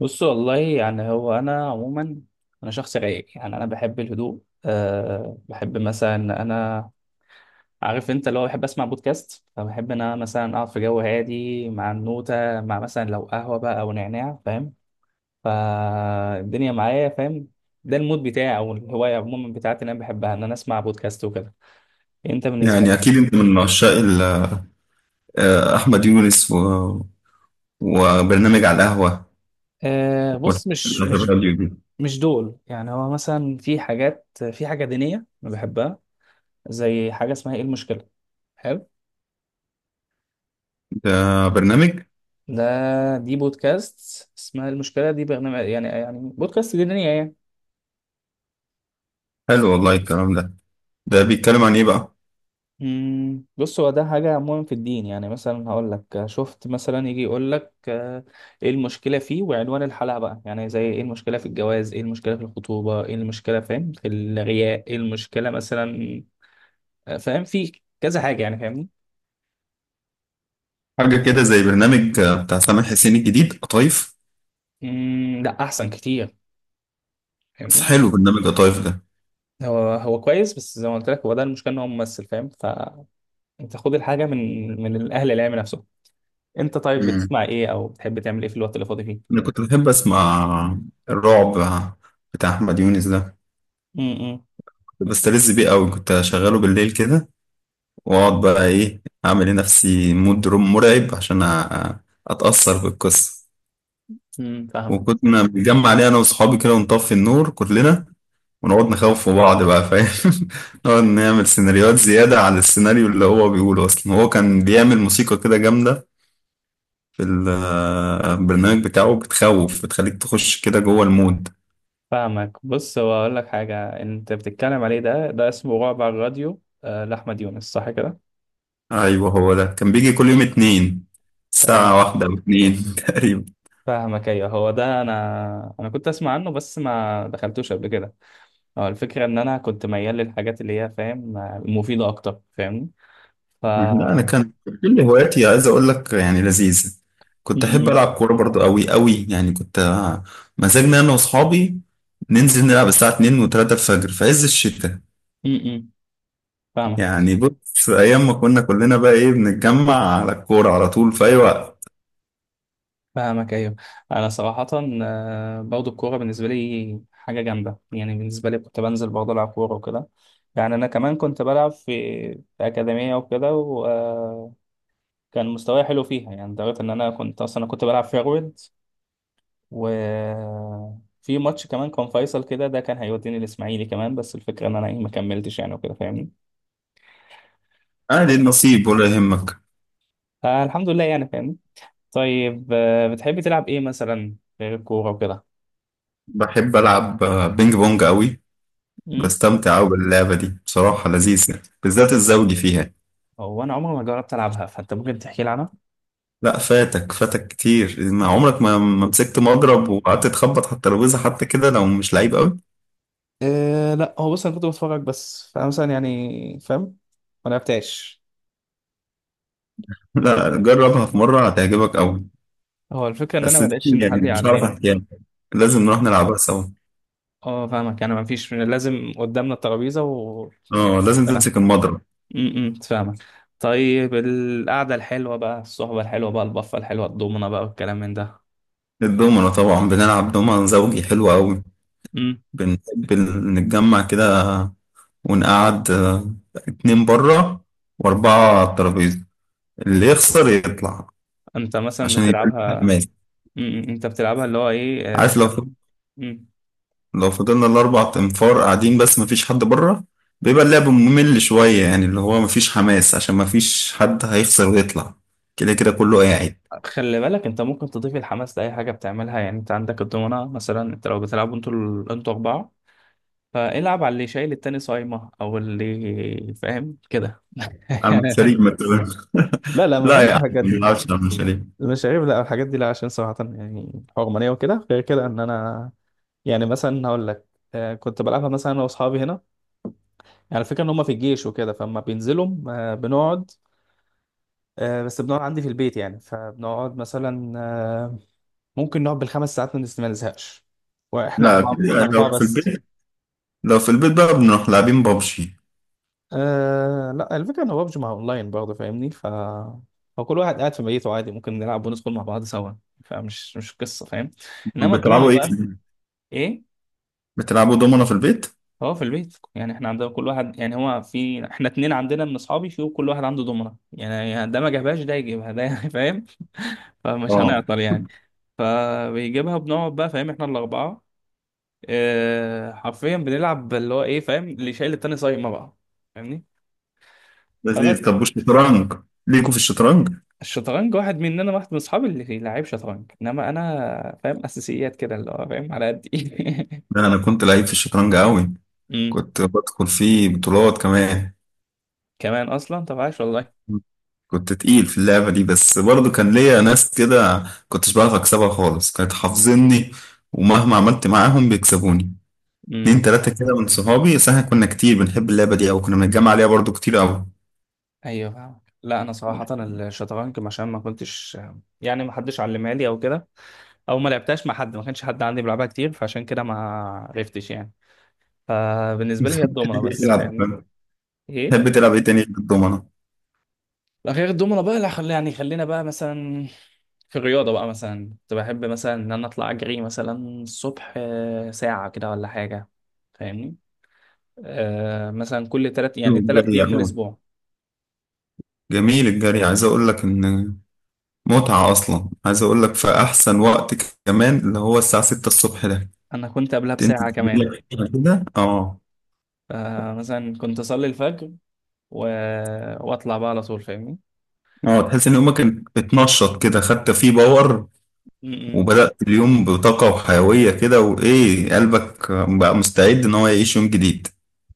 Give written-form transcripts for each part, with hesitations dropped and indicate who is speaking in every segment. Speaker 1: بص، والله يعني هو انا عموما، انا شخص رايق. يعني انا بحب الهدوء. بحب مثلا إن انا عارف انت اللي هو بحب اسمع بودكاست. فبحب ان انا مثلا اقعد في جو هادي مع النوتة، مع مثلا لو قهوة بقى او نعناع، فاهم؟ فالدنيا معايا، فاهم؟ ده المود بتاعي او الهواية عموما بتاعتي اللي انا بحبها، ان انا اسمع بودكاست وكده. انت بالنسبة
Speaker 2: يعني
Speaker 1: لك؟
Speaker 2: أكيد أنت من عشاق أحمد يونس وبرنامج على القهوة
Speaker 1: آه
Speaker 2: والحلقات
Speaker 1: بص، مش مش
Speaker 2: الراديو دي.
Speaker 1: مش دول. يعني هو مثلا في حاجات، في حاجة دينية أنا بحبها، زي حاجة اسمها إيه المشكلة. حلو.
Speaker 2: ده برنامج
Speaker 1: ده دي بودكاست اسمها المشكلة، دي برنامج يعني، يعني بودكاست دينية يعني.
Speaker 2: حلو، والله الكلام ده. ده بيتكلم عن إيه بقى؟
Speaker 1: بص، هو ده حاجة عموما في الدين. يعني مثلا هقول لك، شفت مثلا يجي يقول لك، ايه المشكلة فيه، وعنوان الحلقة بقى يعني زي ايه المشكلة في الجواز، ايه المشكلة في الخطوبة، ايه المشكلة فاهم في الغياء، ايه المشكلة مثلا. فاهم في كذا حاجة يعني، فاهمني؟
Speaker 2: حاجة كده زي برنامج بتاع سامح حسين الجديد، قطايف.
Speaker 1: لا، أحسن كتير،
Speaker 2: بس
Speaker 1: فاهمني؟
Speaker 2: حلو برنامج قطايف ده.
Speaker 1: هو هو كويس، بس زي ما قلت لك، هو ده المشكلة ان هو ممثل، فاهم؟ فانت خد الحاجة من الأهل العلم نفسه. انت طيب
Speaker 2: مم.
Speaker 1: بتسمع ايه او بتحب تعمل ايه في الوقت اللي فاضي فيه؟
Speaker 2: أنا كنت بحب أسمع الرعب بتاع أحمد يونس ده.
Speaker 1: امم.
Speaker 2: كنت بستلذ بيه أوي، كنت أشغله بالليل كده وأقعد بقى إيه، أعمل لنفسي مود روم مرعب عشان أتأثر بالقصة.
Speaker 1: فاهمك.
Speaker 2: وكنا بنتجمع عليه انا واصحابي كده ونطفي النور كلنا ونقعد نخوف في بعض بقى، فاهم؟ نقعد نعمل سيناريوهات زيادة على السيناريو اللي هو بيقوله اصلا. هو كان بيعمل موسيقى كده جامدة في البرنامج بتاعه، بتخوف، بتخليك تخش كده جوه المود.
Speaker 1: فاهمك بص، هو اقول لك حاجه، انت بتتكلم عليه ده، اسمه رعب على الراديو، لاحمد يونس، صح كده؟
Speaker 2: ايوه، هو ده كان بيجي كل يوم اتنين ساعة
Speaker 1: تمام.
Speaker 2: واحدة او اتنين تقريبا.
Speaker 1: فاهمك ايوه هو ده. انا كنت اسمع عنه، بس ما دخلتوش قبل كده. هو الفكره ان انا كنت ميال للحاجات اللي هي فاهم مفيده اكتر، فاهمني؟ ف...
Speaker 2: لا، انا كان كل هواياتي، عايز اقول لك يعني لذيذه. كنت احب
Speaker 1: امم.
Speaker 2: العب كوره برضو، قوي قوي يعني، كنت مزاجنا انا واصحابي ننزل نلعب الساعه 2 و3 الفجر في عز الشتاء.
Speaker 1: امم فاهمك.
Speaker 2: يعني بص، ايام ما كنا كلنا بقى ايه، بنتجمع على الكوره على طول في اي وقت.
Speaker 1: فاهمك ايوه. انا صراحه، برضو الكوره بالنسبه لي حاجه جامده. يعني بالنسبه لي كنت بنزل برضه العب كوره وكده. يعني انا كمان كنت بلعب في اكاديميه وكده، وكان مستواي حلو فيها. يعني لدرجه ان انا كنت اصلا، كنت بلعب فيرويد، وفي ماتش كمان كان فيصل كده، ده كان هيوديني الاسماعيلي كمان. بس الفكره ان انا ايه ما كملتش يعني وكده، فاهمني؟
Speaker 2: اهل النصيب ولا يهمك.
Speaker 1: فالحمد لله يعني، فاهمني؟ طيب، بتحبي تلعب ايه مثلا غير الكوره وكده؟
Speaker 2: بحب العب بينج بونج قوي،
Speaker 1: أمم؟
Speaker 2: بستمتع قوي باللعبه دي، بصراحه لذيذه، بالذات الزوجي فيها.
Speaker 1: هو انا عمري ما جربت العبها. فانت ممكن تحكي لي عنها.
Speaker 2: لا، فاتك فاتك كتير إن عمرك ما مسكت مضرب وقعدت تخبط على الترابيزه حتى كده، لو مش لعيب قوي.
Speaker 1: إيه، لا هو بص انا كنت بتفرج بس، فانا مثلا يعني فاهم، ما لعبتهاش.
Speaker 2: لا، جربها في مره هتعجبك قوي.
Speaker 1: هو الفكره ان انا
Speaker 2: بس
Speaker 1: ما
Speaker 2: دي
Speaker 1: لقيتش ان حد
Speaker 2: يعني مش هعرف
Speaker 1: يعلمني.
Speaker 2: احكيها لك. لازم
Speaker 1: مم.
Speaker 2: نروح نلعبها سوا.
Speaker 1: اه فاهمك. يعني ما فيش، لازم قدامنا الترابيزه و...
Speaker 2: اه، لازم
Speaker 1: سلام.
Speaker 2: تمسك المضرب.
Speaker 1: فاهمك. طيب القعده الحلوه بقى، الصحبه الحلوه بقى، البفه الحلوه، الضمنه بقى والكلام من ده.
Speaker 2: الدومنة طبعا، بنلعب دومنة زوجي حلو قوي.
Speaker 1: امم.
Speaker 2: بنحب نتجمع كده ونقعد اتنين بره واربعة على الترابيزة، اللي يخسر يطلع
Speaker 1: انت مثلا
Speaker 2: عشان يبقى لنا
Speaker 1: بتلعبها؟
Speaker 2: حماس.
Speaker 1: امم، انت بتلعبها، اللي هو ايه
Speaker 2: عارف لو في
Speaker 1: مم.
Speaker 2: لو فضلنا الأربع أنفار قاعدين بس مفيش حد بره، بيبقى اللعب ممل شوية، يعني اللي هو مفيش حماس عشان مفيش حد هيخسر ويطلع، كده كده كله قاعد.
Speaker 1: خلي بالك، انت ممكن تضيف الحماس لاي حاجه بتعملها. يعني انت عندك الضمنه مثلا، انت لو بتلعبوا انتوا انتوا اربعه، فالعب على اللي شايل التاني صايمة، او اللي فاهم كده.
Speaker 2: على المشاريب ما تبقاش.
Speaker 1: لا لا، ما
Speaker 2: لا يا
Speaker 1: بحبش
Speaker 2: عم، ما
Speaker 1: الحاجات دي.
Speaker 2: بنلعبش على المشاريب.
Speaker 1: المشاريب لا، الحاجات دي لا، عشان صراحة يعني حرمانية وكده. غير كده ان انا، يعني مثلا هقول لك، كنت بلعبها مثلا انا واصحابي هنا. يعني الفكرة ان هم في الجيش وكده، فلما بينزلوا بنقعد، بس بنقعد عندي في البيت يعني. فبنقعد مثلا ممكن نقعد بالخمس ساعات ما ما نزهقش، واحنا
Speaker 2: لا
Speaker 1: اربعة. احنا
Speaker 2: كده،
Speaker 1: اربعة
Speaker 2: لو في
Speaker 1: بس.
Speaker 2: البيت لو في البيت بقى بنروح لاعبين بابجي.
Speaker 1: آه لا، الفكرة ان بابجي مع اونلاين برضه، فاهمني؟ ف... هو كل واحد قاعد في بيته عادي، ممكن نلعب وندخل مع بعض سوا. فمش مش قصة، فاهم؟ انما الضمنة
Speaker 2: بتلعبوا ايه؟
Speaker 1: بقى. ايه.
Speaker 2: بتلعبوا دومنا في البيت؟
Speaker 1: هو في البيت يعني احنا عندنا كل واحد، يعني هو في احنا اتنين عندنا من اصحابي، في كل واحد عنده ضمنة يعني. ده ما جابهاش، ده يجيبها ده فاهم؟ فمش
Speaker 2: اه،
Speaker 1: هنعطل يعني. فبيجيبها، بنقعد بقى فاهم، احنا الاربعة. آه حرفيا بنلعب اللي هو ايه فاهم، اللي شايل التاني صايمة بقى، فاهمني؟
Speaker 2: لذيذ. طب والشطرنج، ليكوا في الشطرنج؟
Speaker 1: الشطرنج، واحد مننا، واحد من اصحابي اللي لعيب شطرنج، انما انا فاهم اساسيات كده اللي هو فاهم على قد ايه.
Speaker 2: لا، أنا كنت لعيب في الشطرنج أوي،
Speaker 1: امم.
Speaker 2: كنت بدخل فيه بطولات كمان.
Speaker 1: كمان اصلا؟ طب عاش والله.
Speaker 2: كنت تقيل في اللعبة دي، بس برضو كان ليا ناس كده كنتش بعرف أكسبها خالص، كانت حافظني ومهما عملت معاهم بيكسبوني. اتنين تلاتة
Speaker 1: آه.
Speaker 2: كده من صحابي، بس احنا كنا كتير بنحب اللعبة دي أو كنا بنتجمع عليها برضو كتير أوي.
Speaker 1: ايوه فاهم. لا انا صراحه الشطرنج، عشان ما كنتش، يعني ما حدش علمها لي او كده، او ما لعبتهاش مع حد، ما كانش حد عندي بيلعبها كتير، فعشان كده ما عرفتش يعني. فبالنسبه لي هي
Speaker 2: بتحب
Speaker 1: الدومنه بس،
Speaker 2: تلعب
Speaker 1: فاهمني؟
Speaker 2: بتحب
Speaker 1: ايه.
Speaker 2: تلعب إيه تاني غير الضمنة؟
Speaker 1: لا غير الدومنة بقى، لا خلي يعني، خلينا بقى مثلا في الرياضة بقى، مثلا كنت بحب مثلا إن أنا أطلع أجري مثلا الصبح، ساعة كده ولا حاجة، فاهمني؟ آه مثلا كل تلات يعني تلات
Speaker 2: الجري
Speaker 1: أيام في
Speaker 2: عموما
Speaker 1: الأسبوع.
Speaker 2: جميل. الجري عايز أقول لك إن متعة أصلا، عايز أقول لك في أحسن وقت كمان، اللي هو الساعة 6 الصبح ده،
Speaker 1: أنا كنت قبلها
Speaker 2: تنزل
Speaker 1: بساعة
Speaker 2: تجيب
Speaker 1: كمان.
Speaker 2: لك كده. اه،
Speaker 1: فمثلا كنت أصلي الفجر و... وأطلع بقى على طول، فاهمني؟
Speaker 2: اه تحس ان يومك بتنشط كده، خدت فيه باور
Speaker 1: م- م.
Speaker 2: وبدأت اليوم بطاقة وحيوية كده، وايه، قلبك بقى مستعد ان هو يعيش يوم جديد.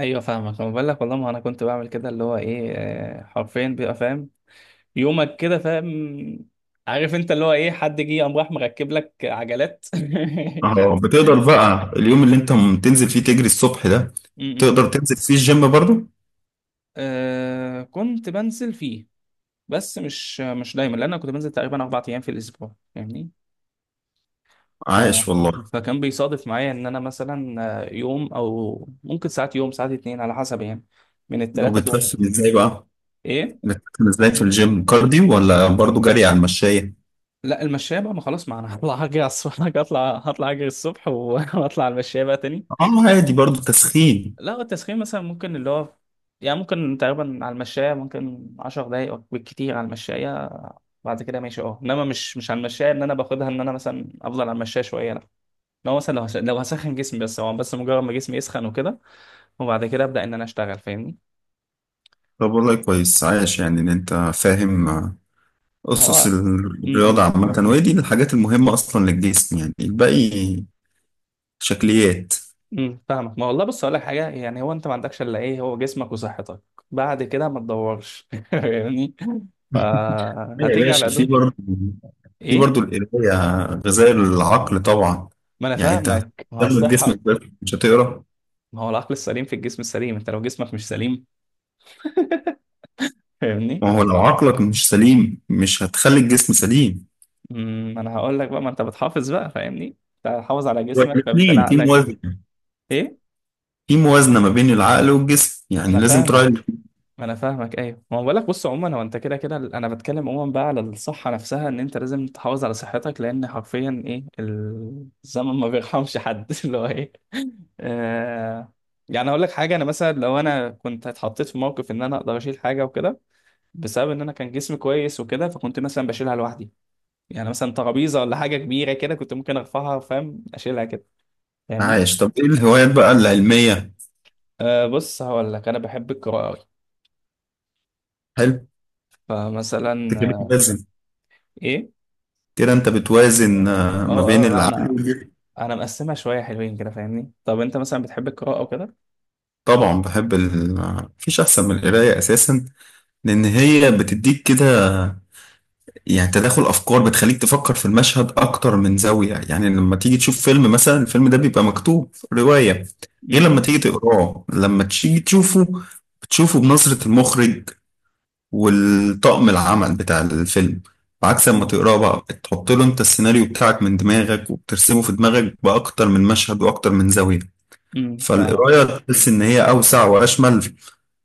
Speaker 1: أيوه فاهمك. أنا بقول لك والله، ما أنا كنت بعمل كده اللي هو إيه، حرفيا بيبقى فاهم يومك كده فاهم. عارف أنت اللي هو إيه، حد جه قام راح مركب لك عجلات.
Speaker 2: اه، بتقدر بقى اليوم اللي انت تنزل فيه تجري الصبح ده،
Speaker 1: امم.
Speaker 2: تقدر تنزل فيه الجيم برضو؟
Speaker 1: آه كنت بنزل فيه، بس مش دايما، لان انا كنت بنزل تقريبا اربع ايام في الاسبوع، فاهمني؟ ف...
Speaker 2: عايش والله.
Speaker 1: فكان بيصادف معايا ان انا مثلا، يوم او ممكن ساعات، يوم ساعات اتنين على حسب يعني، من التلاتة دول.
Speaker 2: وبتخسر ازاي بقى،
Speaker 1: ايه.
Speaker 2: بتخسر ازاي في الجيم، كارديو ولا برضو جري على المشاية؟
Speaker 1: لا المشاية بقى، ما خلاص، ما انا هطلع هجري على الصبح، هطلع اجري الصبح و- واطلع على المشاية بقى تاني.
Speaker 2: اه، عادي برضو تسخين.
Speaker 1: لا هو التسخين مثلا ممكن اللي هو يعني، ممكن تقريبا على المشاية ممكن عشر دقايق أو بالكتير على المشاية، بعد كده ماشي اه. انما مش على المشاية ان انا باخدها، ان انا مثلا افضل على المشاية شوية لا. لو مثلا لو لو هسخن جسمي بس، هو بس مجرد ما جسمي يسخن وكده، وبعد كده ابدا ان انا اشتغل، فاهمني؟
Speaker 2: طب والله كويس، عايش يعني ان انت فاهم
Speaker 1: ما
Speaker 2: أسس
Speaker 1: هو.
Speaker 2: الرياضة
Speaker 1: امم.
Speaker 2: عامة، وهي دي الحاجات المهمة أصلا للجسم، يعني الباقي شكليات.
Speaker 1: فاهمك. ما والله بص، اقول لك حاجة، يعني هو انت ما عندكش الا ايه، هو جسمك وصحتك. بعد كده ما تدورش يعني.
Speaker 2: يا
Speaker 1: فهتيجي على
Speaker 2: باشا، في
Speaker 1: قدك.
Speaker 2: برضه، في
Speaker 1: ايه.
Speaker 2: برضه القراية غذاء العقل طبعا.
Speaker 1: ما انا
Speaker 2: يعني أنت
Speaker 1: فاهمك. ما هو
Speaker 2: هتهتم بجسمك
Speaker 1: الصحة،
Speaker 2: بس مش هتقرا؟
Speaker 1: ما هو العقل السليم في الجسم السليم. انت لو جسمك مش سليم، فاهمني؟
Speaker 2: ما هو لو عقلك مش سليم مش هتخلي الجسم سليم.
Speaker 1: امم. انا هقول لك بقى، ما انت بتحافظ بقى فاهمني، انت حافظ على جسمك فبالتالي
Speaker 2: والاثنين في
Speaker 1: عقلك.
Speaker 2: موازنة
Speaker 1: ايه.
Speaker 2: في موازنة ما بين العقل والجسم، يعني
Speaker 1: انا
Speaker 2: لازم تراعي
Speaker 1: فاهمك.
Speaker 2: الاتنين.
Speaker 1: ما انا فاهمك، ايوه ما هو بقول لك، بص عموما هو انت كده كده. انا بتكلم عموما بقى على الصحه نفسها، ان انت لازم تحافظ على صحتك لان حرفيا ايه الزمن ما بيرحمش حد اللي هو ايه. آه يعني اقول لك حاجه، انا مثلا لو انا كنت اتحطيت في موقف ان انا اقدر اشيل حاجه وكده، بسبب ان انا كان جسمي كويس وكده، فكنت مثلا بشيلها لوحدي. يعني مثلا ترابيزه ولا حاجه كبيره كده كنت ممكن ارفعها فاهم، اشيلها كده، فاهمني؟
Speaker 2: عايش. طب إيه الهوايات بقى العلمية؟
Speaker 1: أه بص، هقول لك انا بحب القراءه أوي.
Speaker 2: حلو.
Speaker 1: فمثلا،
Speaker 2: أنت كده بتوازن
Speaker 1: ايه.
Speaker 2: كده أنت بتوازن ما
Speaker 1: اه
Speaker 2: بين
Speaker 1: اه لا،
Speaker 2: العقل
Speaker 1: انا
Speaker 2: والجسم.
Speaker 1: انا مقسمها شويه حلوين كده، فاهمني؟ طب انت مثلا بتحب القراءه وكده؟
Speaker 2: طبعا بحب مفيش أحسن من القراية أساسا. لأن هي بتديك كده يعني تداخل أفكار، بتخليك تفكر في المشهد أكتر من زاوية. يعني لما تيجي تشوف فيلم مثلا، الفيلم ده بيبقى مكتوب رواية. غير
Speaker 1: امم.
Speaker 2: لما تيجي تقراه، لما تيجي تشوفه، بتشوفه بنظرة المخرج والطاقم العمل بتاع الفيلم. عكس لما تقراه بقى، بتحط له أنت السيناريو بتاعك من دماغك وبترسمه في دماغك بأكتر من مشهد وأكتر من زاوية.
Speaker 1: فاهمك.
Speaker 2: فالقراية تحس إن هي أوسع وأشمل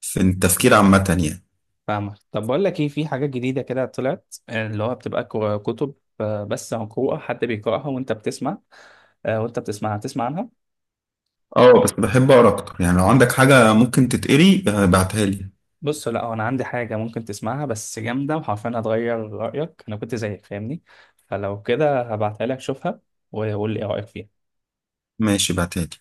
Speaker 2: في التفكير عامة، يعني.
Speaker 1: فاهمك. طب بقول لك ايه، في حاجات جديده كده طلعت، اللي هو بتبقى كتب، بس عن قراءه حد بيقراها وانت بتسمع، وانت بتسمعها، تسمع عنها.
Speaker 2: اه، بس بحب اقرا اكتر، يعني لو عندك حاجة ممكن تتقري بعتها لي.
Speaker 1: بص لا، هو انا عندي حاجه ممكن تسمعها بس جامده، وحرفيا هتغير رايك، انا كنت زيك، فاهمني؟ فلو كده هبعتها لك، شوفها وقول لي ايه رايك فيها.
Speaker 2: ماشي، بعتها لي